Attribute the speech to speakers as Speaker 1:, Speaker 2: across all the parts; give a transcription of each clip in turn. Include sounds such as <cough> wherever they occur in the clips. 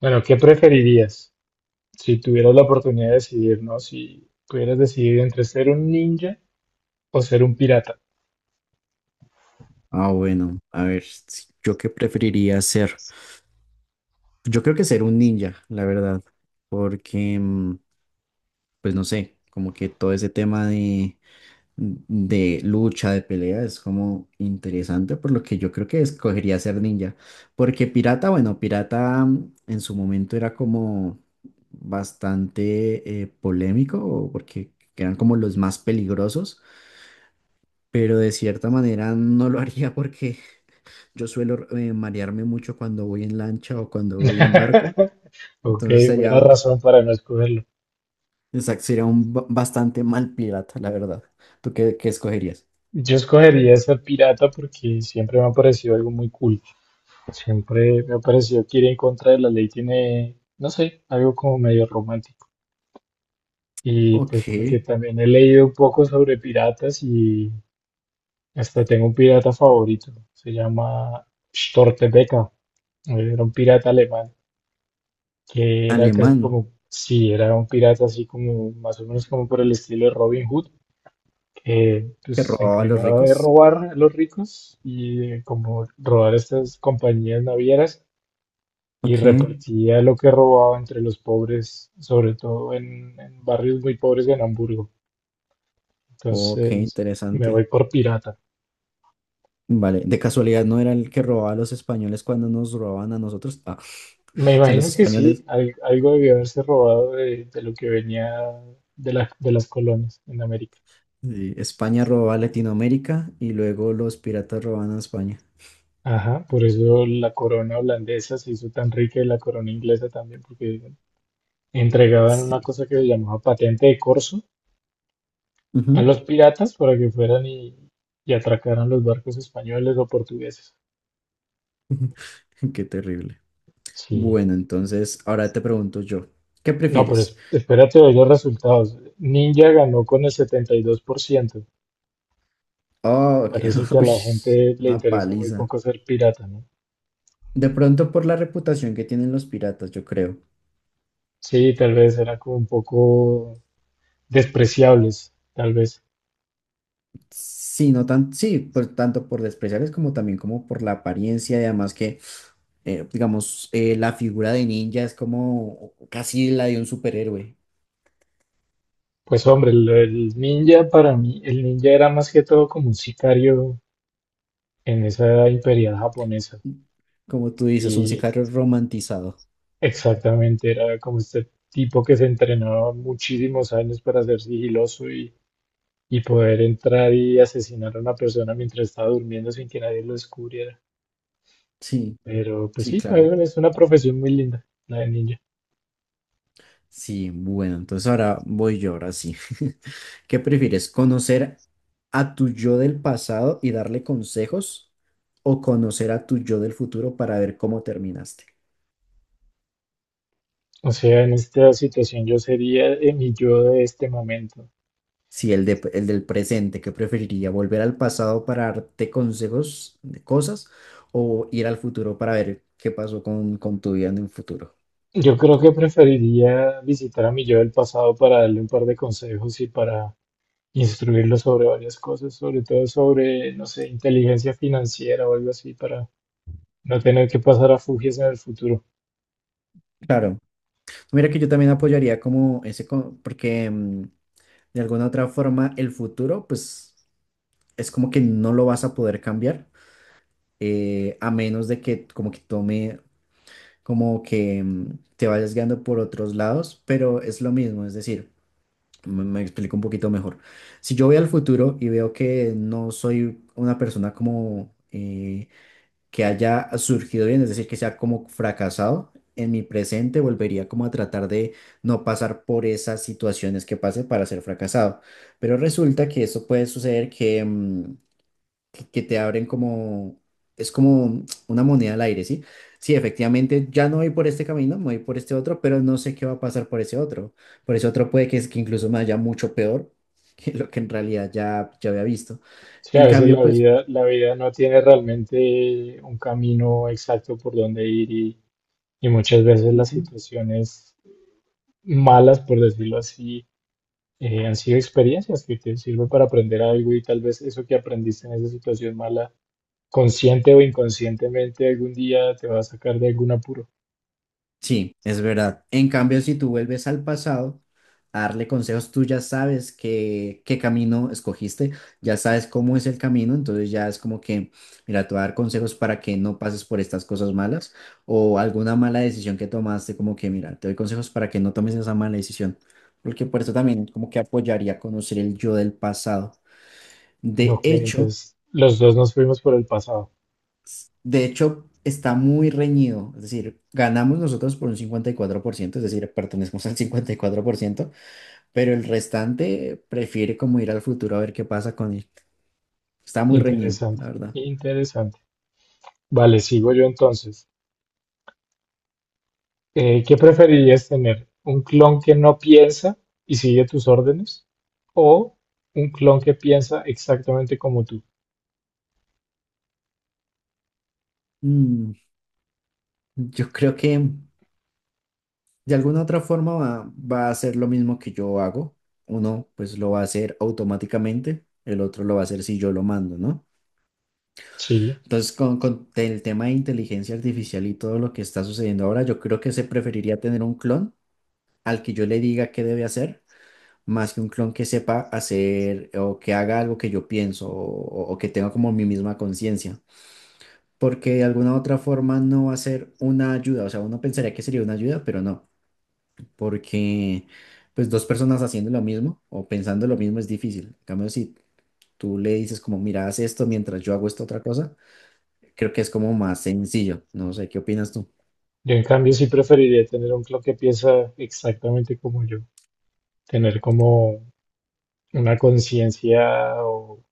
Speaker 1: Bueno, ¿qué preferirías si tuvieras la oportunidad de decidir, ¿no? Si pudieras decidir entre ser un ninja o ser un pirata.
Speaker 2: Ah, bueno, a ver, ¿yo qué preferiría ser? Yo creo que ser un ninja, la verdad, porque, pues no sé, como que todo ese tema de lucha, de pelea, es como interesante, por lo que yo creo que escogería ser ninja, porque pirata, bueno, pirata en su momento era como bastante polémico, porque eran como los más peligrosos, pero de cierta manera no lo haría porque yo suelo marearme mucho cuando voy en lancha o cuando voy en barco.
Speaker 1: <laughs> Ok,
Speaker 2: Entonces
Speaker 1: buena
Speaker 2: sería,
Speaker 1: razón para no escogerlo.
Speaker 2: exacto, sería un bastante mal pirata, la verdad. ¿Tú qué, qué escogerías?
Speaker 1: Yo escogería ser pirata porque siempre me ha parecido algo muy cool. Siempre me ha parecido que ir en contra de la ley tiene, no sé, algo como medio romántico. Y pues
Speaker 2: Ok.
Speaker 1: porque también he leído un poco sobre piratas y hasta tengo un pirata favorito, se llama Stortebeca, era un pirata alemán, que era casi
Speaker 2: Alemán,
Speaker 1: como, sí, era un pirata así como, más o menos como por el estilo de Robin Hood, que pues,
Speaker 2: que
Speaker 1: se
Speaker 2: robaba a los
Speaker 1: encargaba de
Speaker 2: ricos.
Speaker 1: robar a los ricos y de como robar estas compañías navieras y
Speaker 2: Ok.
Speaker 1: repartía lo que robaba entre los pobres, sobre todo en barrios muy pobres de Hamburgo.
Speaker 2: Ok,
Speaker 1: Entonces, me
Speaker 2: interesante.
Speaker 1: voy por pirata.
Speaker 2: Vale. De casualidad no era el que robaba a los españoles cuando nos robaban a nosotros. Ah. <laughs>
Speaker 1: Me
Speaker 2: O sea, los
Speaker 1: imagino que sí,
Speaker 2: españoles.
Speaker 1: algo debió haberse robado de lo que venía de, de las colonias en América.
Speaker 2: Sí, España robaba a Latinoamérica y luego los piratas robaban a España.
Speaker 1: Ajá, por eso la corona holandesa se hizo tan rica y la corona inglesa también, porque entregaban
Speaker 2: Sí.
Speaker 1: una cosa que se llamaba patente de corso a
Speaker 2: Ujú.
Speaker 1: los piratas para que fueran y atracaran los barcos españoles o portugueses.
Speaker 2: <laughs> Qué terrible.
Speaker 1: Sí.
Speaker 2: Bueno, entonces ahora te pregunto yo, ¿qué
Speaker 1: No, pero
Speaker 2: prefieres?
Speaker 1: espérate de los resultados. Ninja ganó con el 72%.
Speaker 2: Oh, ok.
Speaker 1: Parece que
Speaker 2: <laughs>
Speaker 1: a la
Speaker 2: Ush,
Speaker 1: gente le
Speaker 2: una
Speaker 1: interesa muy
Speaker 2: paliza.
Speaker 1: poco ser pirata, ¿no?
Speaker 2: De pronto por la reputación que tienen los piratas, yo creo.
Speaker 1: Sí, tal vez era como un poco despreciables, tal vez.
Speaker 2: Sí, no tan, sí, pues tanto por despreciarles como también como por la apariencia y además que, digamos, la figura de ninja es como casi la de un superhéroe.
Speaker 1: Pues hombre, el ninja para mí, el ninja era más que todo como un sicario en esa imperial japonesa.
Speaker 2: Como tú dices, un
Speaker 1: Y
Speaker 2: sicario romantizado.
Speaker 1: exactamente era como este tipo que se entrenaba muchísimos años para ser sigiloso y poder entrar y asesinar a una persona mientras estaba durmiendo sin que nadie lo descubriera.
Speaker 2: Sí,
Speaker 1: Pero pues
Speaker 2: sí,
Speaker 1: sí, tal
Speaker 2: claro.
Speaker 1: vez es una profesión muy linda, la de ninja.
Speaker 2: Sí, bueno, entonces ahora voy yo, ahora sí. <laughs> ¿Qué prefieres? ¿Conocer a tu yo del pasado y darle consejos o conocer a tu yo del futuro para ver cómo terminaste?
Speaker 1: O sea, en esta situación yo sería mi yo de este momento.
Speaker 2: Sí, el de, el del presente, ¿qué preferiría? ¿Volver al pasado para darte consejos de cosas o ir al futuro para ver qué pasó con tu vida en el futuro?
Speaker 1: Yo creo que preferiría visitar a mi yo del pasado para darle un par de consejos y para instruirlo sobre varias cosas, sobre todo sobre, no sé, inteligencia financiera o algo así, para no tener que pasar a fugias en el futuro.
Speaker 2: Claro. Mira que yo también apoyaría como ese, porque de alguna otra forma el futuro, pues es como que no lo vas a poder cambiar, a menos de que como que tome, como que te vayas guiando por otros lados, pero es lo mismo, es decir, me explico un poquito mejor. Si yo voy al futuro y veo que no soy una persona como que haya surgido bien, es decir, que sea como fracasado. En mi presente volvería como a tratar de no pasar por esas situaciones que pase para ser fracasado. Pero resulta que eso puede suceder que, que te abren como, es como una moneda al aire, ¿sí? Sí, efectivamente, ya no voy por este camino, me voy por este otro, pero no sé qué va a pasar por ese otro. Por ese otro puede que, es, que incluso me haya mucho peor <laughs> que lo que en realidad ya, ya había visto.
Speaker 1: Sí, a
Speaker 2: En
Speaker 1: veces
Speaker 2: cambio, pues...
Speaker 1: la vida no tiene realmente un camino exacto por donde ir y muchas veces las
Speaker 2: ujú.
Speaker 1: situaciones malas, por decirlo así, han sido experiencias que te sirven para aprender algo y tal vez eso que aprendiste en esa situación mala, consciente o inconscientemente, algún día te va a sacar de algún apuro.
Speaker 2: Sí, es verdad. En cambio, si tú vuelves al pasado a darle consejos, tú ya sabes qué, qué camino escogiste, ya sabes cómo es el camino, entonces ya es como que, mira, te voy a dar consejos para que no pases por estas cosas malas o alguna mala decisión que tomaste, como que, mira, te doy consejos para que no tomes esa mala decisión, porque por eso también como que apoyaría conocer el yo del pasado. De
Speaker 1: Ok,
Speaker 2: hecho,
Speaker 1: entonces los dos nos fuimos por el pasado.
Speaker 2: De hecho, está muy reñido, es decir, ganamos nosotros por un 54%, es decir, pertenecemos al 54%, pero el restante prefiere como ir al futuro a ver qué pasa con él. Está muy reñido,
Speaker 1: Interesante,
Speaker 2: la verdad.
Speaker 1: interesante. Vale, sigo yo entonces. ¿Qué preferirías tener? ¿Un clon que no piensa y sigue tus órdenes? ¿O un clon que piensa exactamente como tú?
Speaker 2: Mm, yo creo que de alguna otra forma va a hacer lo mismo que yo hago. Uno pues lo va a hacer automáticamente, el otro lo va a hacer si yo lo mando, ¿no?
Speaker 1: Sí,
Speaker 2: Entonces, con el tema de inteligencia artificial y todo lo que está sucediendo ahora, yo creo que se preferiría tener un clon al que yo le diga qué debe hacer, más que un clon que sepa hacer o que haga algo que yo pienso o que tenga como mi misma conciencia. Porque de alguna u otra forma no va a ser una ayuda. O sea, uno pensaría que sería una ayuda, pero no. Porque pues dos personas haciendo lo mismo o pensando lo mismo es difícil. En cambio, si tú le dices como, mira, haz esto mientras yo hago esta otra cosa, creo que es como más sencillo. No sé, ¿qué opinas tú?
Speaker 1: yo en cambio sí preferiría tener un clon que piensa exactamente como yo. Tener como una conciencia o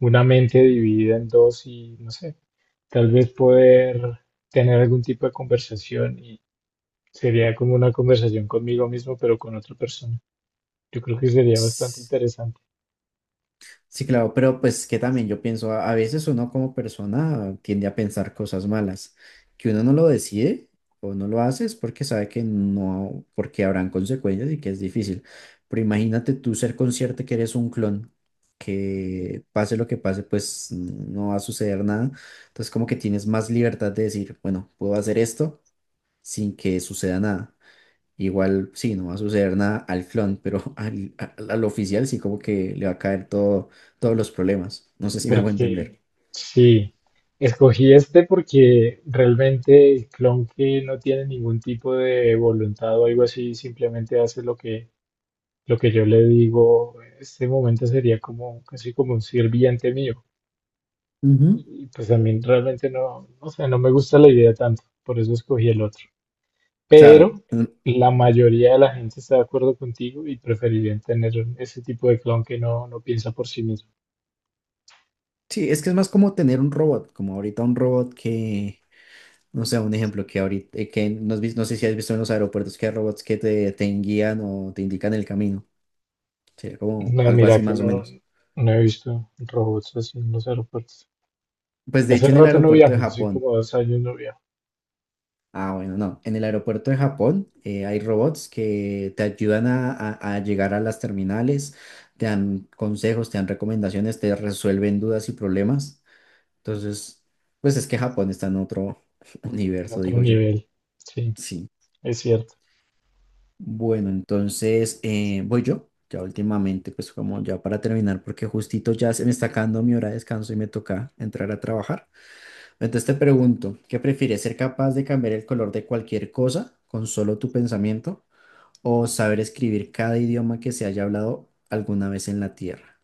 Speaker 1: una mente dividida en dos y no sé, tal vez poder tener algún tipo de conversación y sería como una conversación conmigo mismo, pero con otra persona. Yo creo que sería bastante interesante
Speaker 2: Sí, claro, pero pues que también yo pienso, a veces uno como persona tiende a pensar cosas malas, que uno no lo decide o no lo hace es porque sabe que no, porque habrán consecuencias y que es difícil. Pero imagínate tú ser consciente que eres un clon, que pase lo que pase, pues no va a suceder nada. Entonces como que tienes más libertad de decir, bueno, puedo hacer esto sin que suceda nada. Igual, sí, no va a suceder nada al clon, pero <laughs> al oficial sí como que le va a caer todo, todos los problemas. No sé si me hago
Speaker 1: porque
Speaker 2: entender.
Speaker 1: sí, escogí este porque realmente el clon que no tiene ningún tipo de voluntad o algo así, simplemente hace lo que yo le digo, en este momento sería como casi como un sirviente mío.
Speaker 2: Ujú.
Speaker 1: Y pues a mí realmente no, no sé, no me gusta la idea tanto, por eso escogí el otro.
Speaker 2: Claro.
Speaker 1: Pero
Speaker 2: Mm,
Speaker 1: la mayoría de la gente está de acuerdo contigo y preferirían tener ese tipo de clon que no, no piensa por sí mismo.
Speaker 2: sí, es que es más como tener un robot, como ahorita un robot que, no sé, un ejemplo que ahorita, que no, no sé si has visto en los aeropuertos que hay robots que te guían o te indican el camino. Sería como
Speaker 1: No,
Speaker 2: algo
Speaker 1: mira
Speaker 2: así
Speaker 1: que
Speaker 2: más o
Speaker 1: no,
Speaker 2: menos.
Speaker 1: no he visto robots así en los aeropuertos.
Speaker 2: Pues de
Speaker 1: Hace
Speaker 2: hecho en el
Speaker 1: rato no
Speaker 2: aeropuerto de
Speaker 1: viajo, así
Speaker 2: Japón.
Speaker 1: como 2 años no viajo,
Speaker 2: Ah, bueno, no. En el aeropuerto de Japón hay robots que te ayudan a llegar a las terminales, te dan consejos, te dan recomendaciones, te resuelven dudas y problemas. Entonces, pues es que Japón está en otro <laughs>
Speaker 1: en
Speaker 2: universo,
Speaker 1: otro
Speaker 2: digo yo.
Speaker 1: nivel. Sí,
Speaker 2: Sí.
Speaker 1: es cierto.
Speaker 2: Bueno, entonces voy yo. Ya últimamente, pues como ya para terminar, porque justito ya se me está acabando mi hora de descanso y me toca entrar a trabajar. Entonces te pregunto, ¿qué prefieres? ¿Ser capaz de cambiar el color de cualquier cosa con solo tu pensamiento o saber escribir cada idioma que se haya hablado alguna vez en la Tierra?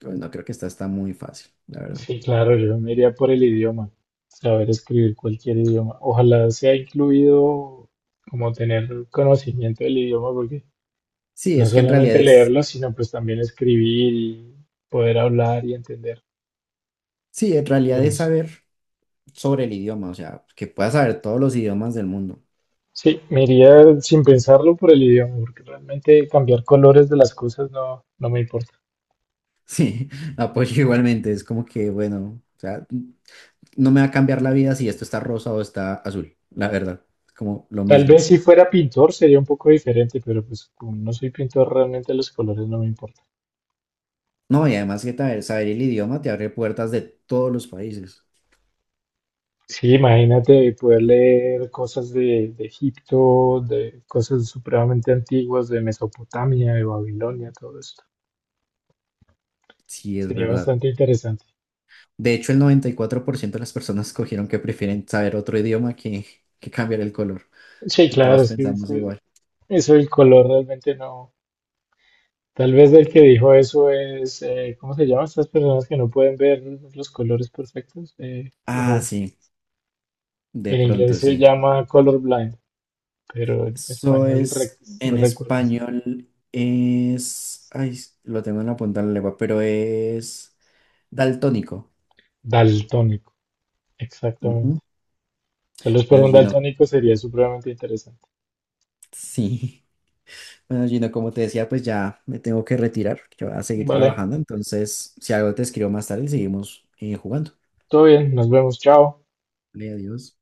Speaker 2: Pues no creo que esta está muy fácil, la verdad.
Speaker 1: Sí, claro, yo me iría por el idioma, saber escribir cualquier idioma. Ojalá sea incluido como tener conocimiento del idioma, porque
Speaker 2: Sí,
Speaker 1: no
Speaker 2: es que en realidad
Speaker 1: solamente
Speaker 2: es,
Speaker 1: leerlo, sino pues también escribir y poder hablar y entender.
Speaker 2: sí, en realidad es
Speaker 1: Entonces,
Speaker 2: saber sobre el idioma, o sea, que puedas saber todos los idiomas del mundo.
Speaker 1: sí, me iría sin pensarlo por el idioma, porque realmente cambiar colores de las cosas no, no me importa.
Speaker 2: Sí, <laughs> apoyo igualmente, es como que, bueno, o sea, no me va a cambiar la vida si esto está rosa o está azul, la verdad, es como lo
Speaker 1: Tal
Speaker 2: mismo.
Speaker 1: vez si fuera pintor sería un poco diferente, pero pues como no soy pintor, realmente los colores no me importan.
Speaker 2: No, y además que saber, saber el idioma te abre puertas de todos los países.
Speaker 1: Sí, imagínate poder leer cosas de Egipto, de cosas supremamente antiguas, de Mesopotamia, de Babilonia, todo esto.
Speaker 2: Sí, es
Speaker 1: Sería
Speaker 2: verdad.
Speaker 1: bastante interesante.
Speaker 2: De hecho, el 94% de las personas escogieron que prefieren saber otro idioma que cambiar el color,
Speaker 1: Sí,
Speaker 2: que
Speaker 1: claro,
Speaker 2: todos
Speaker 1: es que
Speaker 2: pensamos
Speaker 1: eso,
Speaker 2: igual.
Speaker 1: el color realmente no. Tal vez el que dijo eso es, ¿cómo se llama? Estas personas que no pueden ver los colores perfectos. eh,
Speaker 2: Ah,
Speaker 1: o
Speaker 2: sí, de
Speaker 1: en inglés
Speaker 2: pronto
Speaker 1: se
Speaker 2: sí.
Speaker 1: llama colorblind, pero en
Speaker 2: Eso
Speaker 1: español
Speaker 2: es
Speaker 1: no
Speaker 2: en
Speaker 1: recuerdo.
Speaker 2: español, es... Ay, lo tengo en la punta de la lengua, pero es daltónico.
Speaker 1: Daltónico,
Speaker 2: Ujú.
Speaker 1: exactamente. Tal vez para
Speaker 2: Bueno,
Speaker 1: un
Speaker 2: Gino,
Speaker 1: daltónico sería supremamente interesante.
Speaker 2: sí. Bueno, Gino, como te decía, pues ya me tengo que retirar, que voy a seguir
Speaker 1: Vale,
Speaker 2: trabajando. Entonces, si algo te escribo más tarde, seguimos jugando.
Speaker 1: todo bien, nos vemos, chao.
Speaker 2: Vale, adiós.